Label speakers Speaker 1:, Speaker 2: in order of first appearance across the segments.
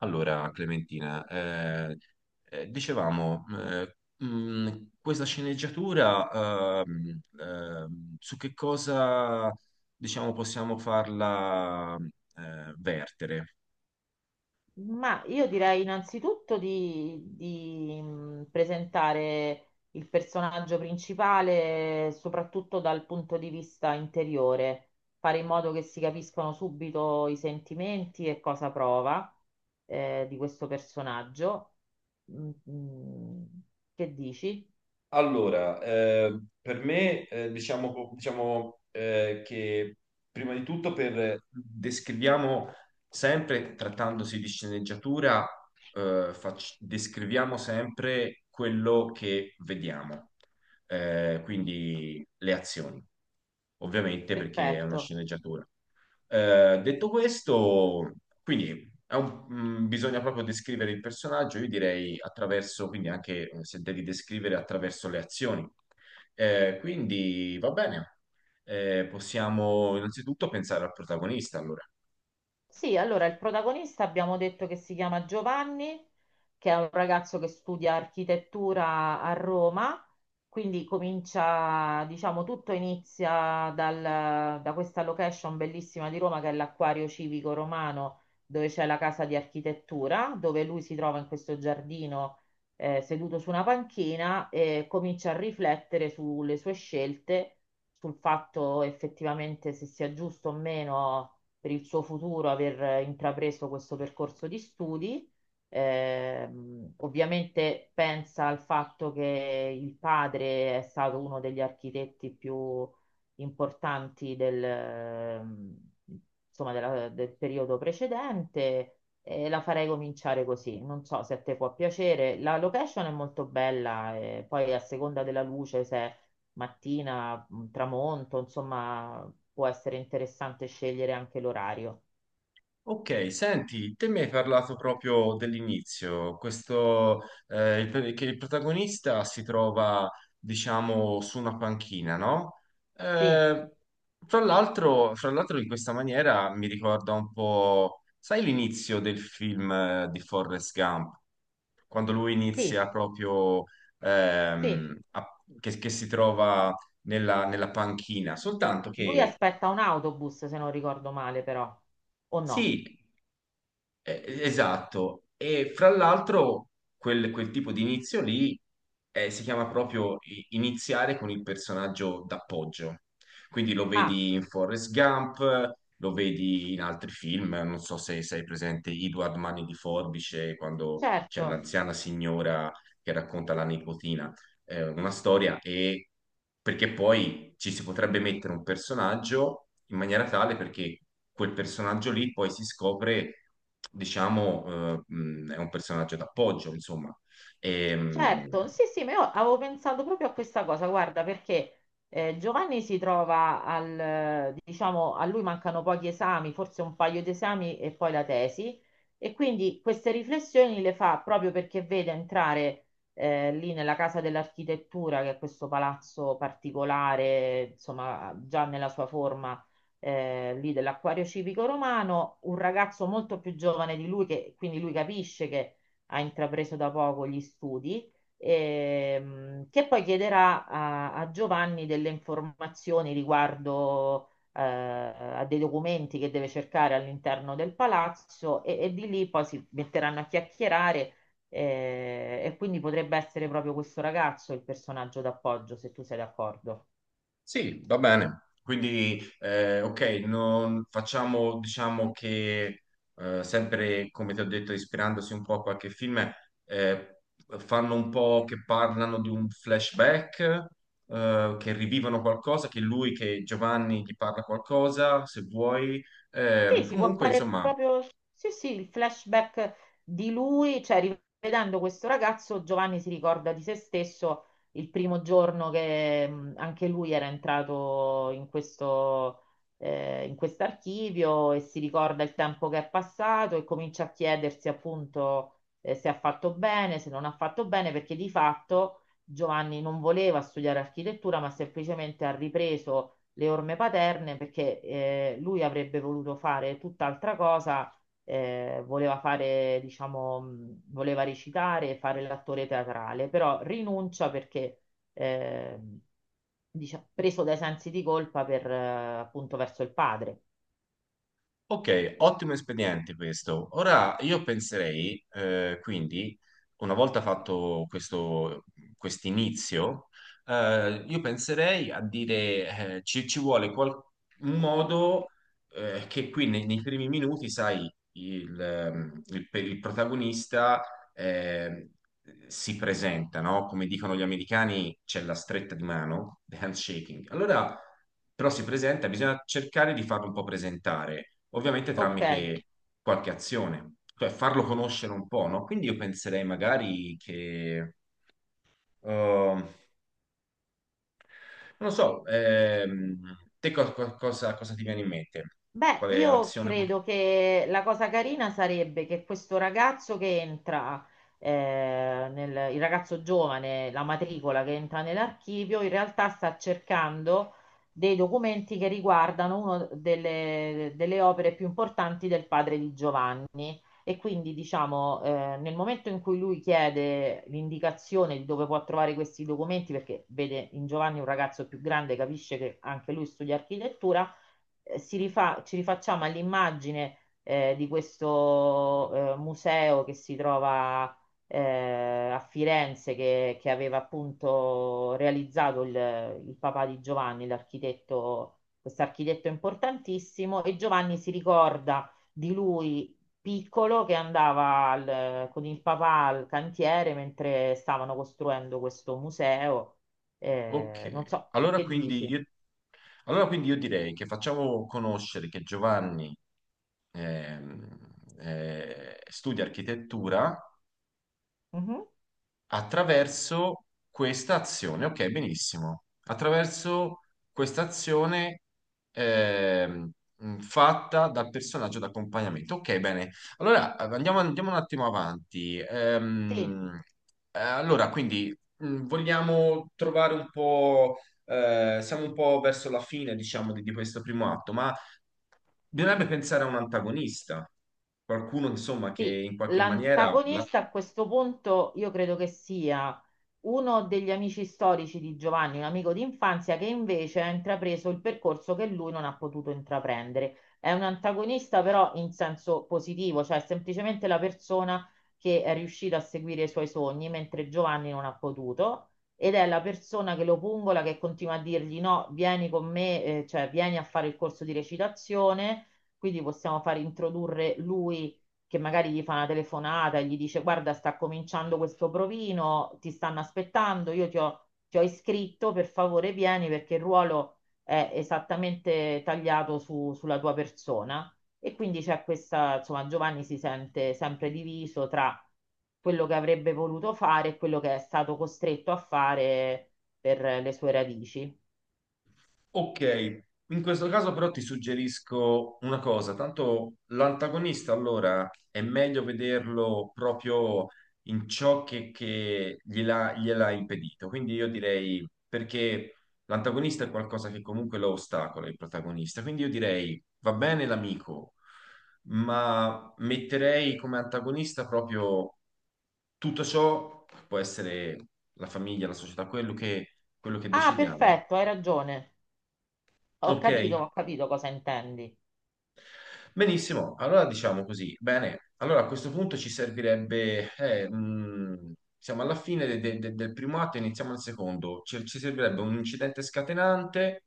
Speaker 1: Allora, Clementina, eh, eh, dicevamo, eh, Questa sceneggiatura, su che cosa possiamo farla vertere?
Speaker 2: Ma io direi innanzitutto di presentare il personaggio principale soprattutto dal punto di vista interiore, fare in modo che si capiscano subito i sentimenti e cosa prova di questo personaggio. Mm, mm. Che dici?
Speaker 1: Per me, che prima di tutto descriviamo sempre, trattandosi di sceneggiatura, descriviamo sempre quello che vediamo. Quindi le azioni, ovviamente perché è una
Speaker 2: Perfetto.
Speaker 1: sceneggiatura. Detto questo, quindi bisogna proprio descrivere il personaggio. Io direi attraverso, quindi anche se devi descrivere attraverso le azioni. Quindi va bene, possiamo innanzitutto pensare al protagonista, allora.
Speaker 2: Sì, allora il protagonista abbiamo detto che si chiama Giovanni, che è un ragazzo che studia architettura a Roma, quindi comincia, diciamo, tutto inizia da questa location bellissima di Roma che è l'Acquario Civico Romano, dove c'è la casa di architettura, dove lui si trova in questo giardino, seduto su una panchina e comincia a riflettere sulle sue scelte, sul fatto effettivamente se sia giusto o meno per il suo futuro aver intrapreso questo percorso di studi. Ovviamente pensa al fatto che il padre è stato uno degli architetti più importanti del periodo precedente, e la farei cominciare così. Non so se a te può piacere. La location è molto bella, e poi a seconda della luce, se mattina, tramonto, insomma, può essere interessante scegliere anche l'orario.
Speaker 1: Ok, senti, te mi hai parlato proprio dell'inizio, che il protagonista si trova, su una panchina, no?
Speaker 2: Sì,
Speaker 1: Eh, Fra l'altro, in questa maniera mi ricorda un po', sai l'inizio del film di Forrest Gump? Quando lui
Speaker 2: sì,
Speaker 1: inizia proprio,
Speaker 2: sì.
Speaker 1: ehm, a- che si trova nella panchina, soltanto
Speaker 2: Lui
Speaker 1: che...
Speaker 2: aspetta un autobus, se non ricordo male, però, o no?
Speaker 1: Sì. Esatto, e fra l'altro quel tipo di inizio lì si chiama proprio iniziare con il personaggio d'appoggio. Quindi lo
Speaker 2: Ah,
Speaker 1: vedi in Forrest Gump, lo vedi in altri film, non so se sei presente Edward Mani di Forbice, quando c'è
Speaker 2: certo.
Speaker 1: l'anziana signora che racconta la nipotina una storia, e perché poi ci si potrebbe mettere un personaggio in maniera tale perché quel personaggio lì poi si scopre, è un personaggio d'appoggio, insomma. Ehm,
Speaker 2: Certo, sì, sì, ma io avevo pensato proprio a questa cosa, guarda, perché Giovanni si trova diciamo, a lui mancano pochi esami, forse un paio di esami e poi la tesi, e quindi queste riflessioni le fa proprio perché vede entrare lì nella Casa dell'Architettura, che è questo palazzo particolare, insomma, già nella sua forma lì dell'Acquario Civico Romano, un ragazzo molto più giovane di lui, che quindi lui capisce che ha intrapreso da poco gli studi, che poi chiederà a Giovanni delle informazioni riguardo a dei documenti che deve cercare all'interno del palazzo, e di lì poi si metteranno a chiacchierare, e quindi potrebbe essere proprio questo ragazzo il personaggio d'appoggio, se tu sei d'accordo.
Speaker 1: Sì, va bene. Quindi, ok, non facciamo, diciamo che sempre, come ti ho detto, ispirandosi un po' a qualche film, eh, fanno un po' che parlano di un flashback, che rivivono qualcosa, che Giovanni gli parla qualcosa, se vuoi.
Speaker 2: Sì, si può
Speaker 1: Comunque,
Speaker 2: fare
Speaker 1: insomma,
Speaker 2: proprio, sì, sì, il flashback di lui, cioè rivedendo questo ragazzo, Giovanni si ricorda di se stesso il primo giorno che, anche lui era entrato in questo, in quest'archivio, e si ricorda il tempo che è passato e comincia a chiedersi appunto, se ha fatto bene, se non ha fatto bene, perché di fatto Giovanni non voleva studiare architettura, ma semplicemente ha ripreso le orme paterne perché lui avrebbe voluto fare tutt'altra cosa. Voleva fare, diciamo, voleva recitare e fare l'attore teatrale, però rinuncia perché eh, preso dai sensi di colpa per, appunto verso il padre.
Speaker 1: ok, ottimo espediente questo. Ora io penserei, una volta fatto questo inizio, io penserei a dire, ci vuole un modo che qui nei primi minuti, sai, per il protagonista eh, si presenta, no? Come dicono gli americani, c'è la stretta di mano, the handshaking. Allora, però si presenta, bisogna cercare di farlo un po' presentare, ovviamente
Speaker 2: Ok.
Speaker 1: tramite qualche azione, cioè farlo conoscere un po', no? Quindi io penserei magari che, non lo so, te co- co- cosa, cosa ti viene in mente?
Speaker 2: Beh,
Speaker 1: Quale
Speaker 2: io
Speaker 1: azione?
Speaker 2: credo che la cosa carina sarebbe che questo ragazzo che entra, nel, il ragazzo giovane, la matricola che entra nell'archivio, in realtà sta cercando dei documenti che riguardano una delle opere più importanti del padre di Giovanni. E quindi, diciamo, nel momento in cui lui chiede l'indicazione di dove può trovare questi documenti, perché vede in Giovanni un ragazzo più grande, capisce che anche lui studia architettura, ci rifacciamo all'immagine, di questo museo che si trova a Firenze, che aveva appunto realizzato il papà di Giovanni, l'architetto, questo architetto importantissimo, e Giovanni si ricorda di lui piccolo che andava con il papà al cantiere mentre stavano costruendo questo museo.
Speaker 1: Ok,
Speaker 2: Non so, che dici?
Speaker 1: allora quindi io direi che facciamo conoscere che Giovanni ehm, studia architettura
Speaker 2: Mhm.
Speaker 1: attraverso questa azione. Ok, benissimo. Attraverso questa azione ehm, fatta dal personaggio d'accompagnamento. Ok, bene. Allora, andiamo un attimo avanti.
Speaker 2: Sì.
Speaker 1: Vogliamo trovare un po'. Siamo un po' verso la fine, di questo primo atto, ma bisognerebbe pensare a un antagonista, qualcuno, insomma, che
Speaker 2: Sì,
Speaker 1: in qualche maniera
Speaker 2: l'antagonista a questo punto io credo che sia uno degli amici storici di Giovanni, un amico di infanzia che invece ha intrapreso il percorso che lui non ha potuto intraprendere. È un antagonista però in senso positivo, cioè è semplicemente la persona che è riuscita a seguire i suoi sogni mentre Giovanni non ha potuto, ed è la persona che lo pungola, che continua a dirgli no, vieni con me, cioè vieni a fare il corso di recitazione. Quindi possiamo far introdurre lui, che magari gli fa una telefonata e gli dice: Guarda, sta cominciando questo provino, ti stanno aspettando, ti ho iscritto, per favore vieni perché il ruolo è esattamente tagliato sulla tua persona. E quindi c'è questa, insomma, Giovanni si sente sempre diviso tra quello che avrebbe voluto fare e quello che è stato costretto a fare per le sue radici.
Speaker 1: ok, in questo caso però ti suggerisco una cosa, tanto l'antagonista allora è meglio vederlo proprio in ciò che gliela ha impedito, quindi io direi perché l'antagonista è qualcosa che comunque lo ostacola, il protagonista, quindi io direi va bene l'amico, ma metterei come antagonista proprio tutto ciò, può essere la famiglia, la società, quello quello che
Speaker 2: Ah,
Speaker 1: decidiamo. Ecco.
Speaker 2: perfetto, hai ragione.
Speaker 1: Ok?
Speaker 2: Ho capito cosa intendi.
Speaker 1: Benissimo, allora diciamo così. Bene, allora a questo punto ci servirebbe, siamo alla fine del primo atto, iniziamo il secondo. Ci servirebbe un incidente scatenante,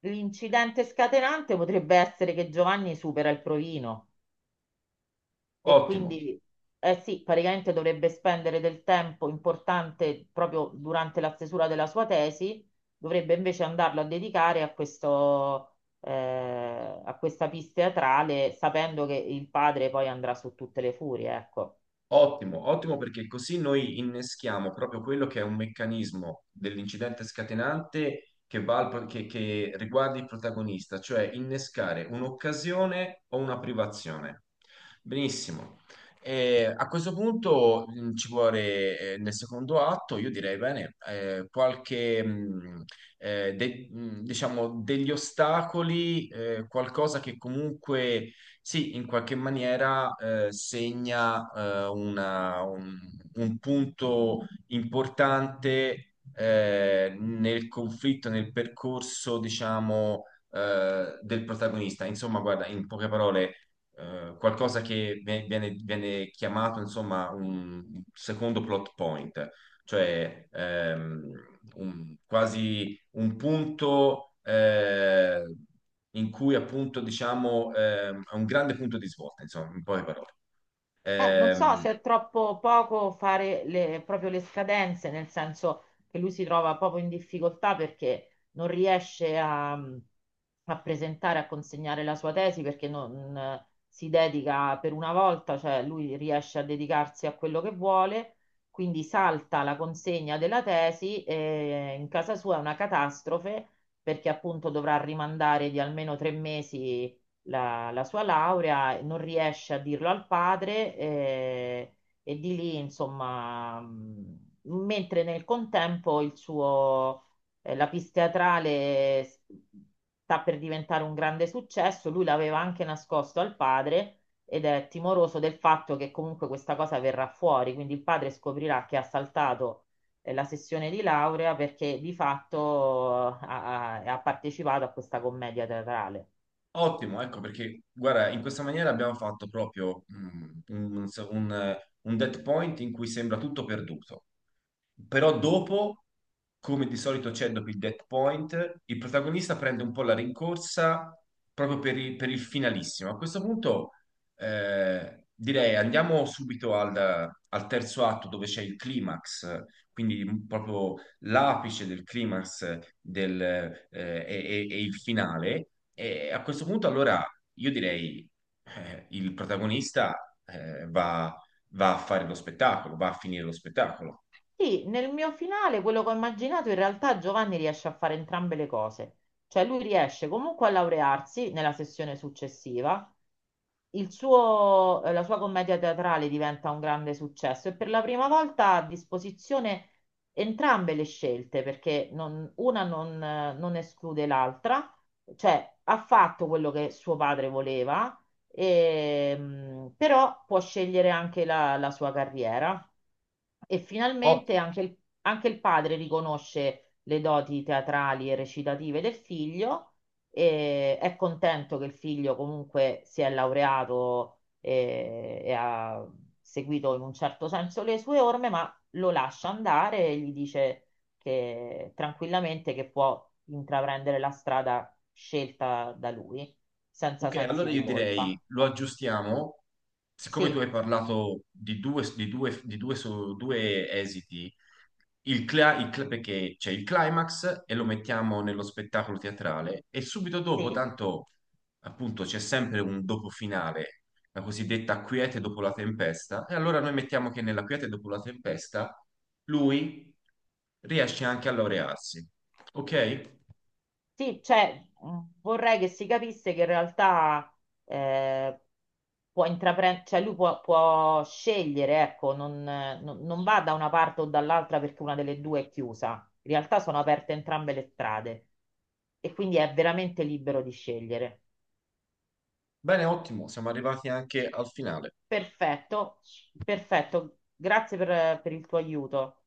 Speaker 2: L'incidente scatenante potrebbe essere che Giovanni supera il provino e
Speaker 1: ottimo.
Speaker 2: quindi, eh sì, praticamente dovrebbe spendere del tempo importante proprio durante la stesura della sua tesi, dovrebbe invece andarlo a dedicare a questo, a questa pista teatrale, sapendo che il padre poi andrà su tutte le furie, ecco.
Speaker 1: Ottimo, ottimo perché così noi inneschiamo proprio quello che è un meccanismo dell'incidente scatenante che che riguarda il protagonista, cioè innescare un'occasione o una privazione. Benissimo. E a questo punto ci vuole, nel secondo atto, io direi bene, degli ostacoli, qualcosa che comunque sì, in qualche maniera segna un punto importante nel conflitto, nel percorso, del protagonista. Insomma, guarda, in poche parole, qualcosa che viene chiamato, insomma, un secondo plot point, cioè quasi un punto in cui appunto diciamo è un grande punto di svolta, insomma, in poche parole.
Speaker 2: Non so
Speaker 1: Ehm,
Speaker 2: se è troppo poco fare le, proprio le scadenze, nel senso che lui si trova proprio in difficoltà perché non riesce a presentare, a consegnare la sua tesi perché non si dedica per una volta, cioè lui riesce a dedicarsi a quello che vuole, quindi salta la consegna della tesi e in casa sua è una catastrofe perché appunto dovrà rimandare di almeno tre mesi la sua laurea, non riesce a dirlo al padre, e di lì, insomma, mentre nel contempo il suo, la pista teatrale sta per diventare un grande successo, lui l'aveva anche nascosto al padre ed è timoroso del fatto che comunque questa cosa verrà fuori, quindi il padre scoprirà che ha saltato la sessione di laurea perché di fatto ha partecipato a questa commedia teatrale.
Speaker 1: Ottimo, ecco perché guarda, in questa maniera abbiamo fatto proprio un dead point in cui sembra tutto perduto, però dopo, come di solito c'è dopo il dead point, il protagonista prende un po' la rincorsa proprio per il finalissimo. A questo punto direi andiamo subito al al terzo atto dove c'è il climax, quindi proprio l'apice del climax e il finale. E a questo punto, allora, io direi il protagonista va a fare lo spettacolo, va a finire lo spettacolo.
Speaker 2: Sì, nel mio finale, quello che ho immaginato, in realtà Giovanni riesce a fare entrambe le cose. Cioè lui riesce comunque a laurearsi nella sessione successiva, la sua commedia teatrale diventa un grande successo e per la prima volta ha a disposizione entrambe le scelte, perché non- una non, non esclude l'altra, cioè ha fatto quello che suo padre voleva, però può scegliere anche la la sua carriera. E finalmente anche il padre riconosce le doti teatrali e recitative del figlio, e è contento che il figlio comunque si è laureato, ha seguito in un certo senso le sue orme, ma lo lascia andare e gli dice che tranquillamente che può intraprendere la strada scelta da lui, senza
Speaker 1: Ok,
Speaker 2: sensi
Speaker 1: allora
Speaker 2: di
Speaker 1: io
Speaker 2: colpa.
Speaker 1: direi lo aggiustiamo, siccome tu
Speaker 2: Sì,
Speaker 1: hai parlato di due esiti, perché c'è il climax e lo mettiamo nello spettacolo teatrale, e subito dopo,
Speaker 2: sì.
Speaker 1: tanto appunto c'è sempre un dopo finale, la cosiddetta quiete dopo la tempesta, e allora noi mettiamo che nella quiete dopo la tempesta lui riesce anche a laurearsi. Ok?
Speaker 2: Sì, cioè, vorrei che si capisse che in realtà eh, può intraprendere, cioè lui può, può scegliere, ecco, non va da una parte o dall'altra perché una delle due è chiusa. In realtà sono aperte entrambe le strade e quindi è veramente libero di scegliere.
Speaker 1: Bene, ottimo, siamo arrivati anche al finale.
Speaker 2: Perfetto, perfetto, grazie per il tuo aiuto.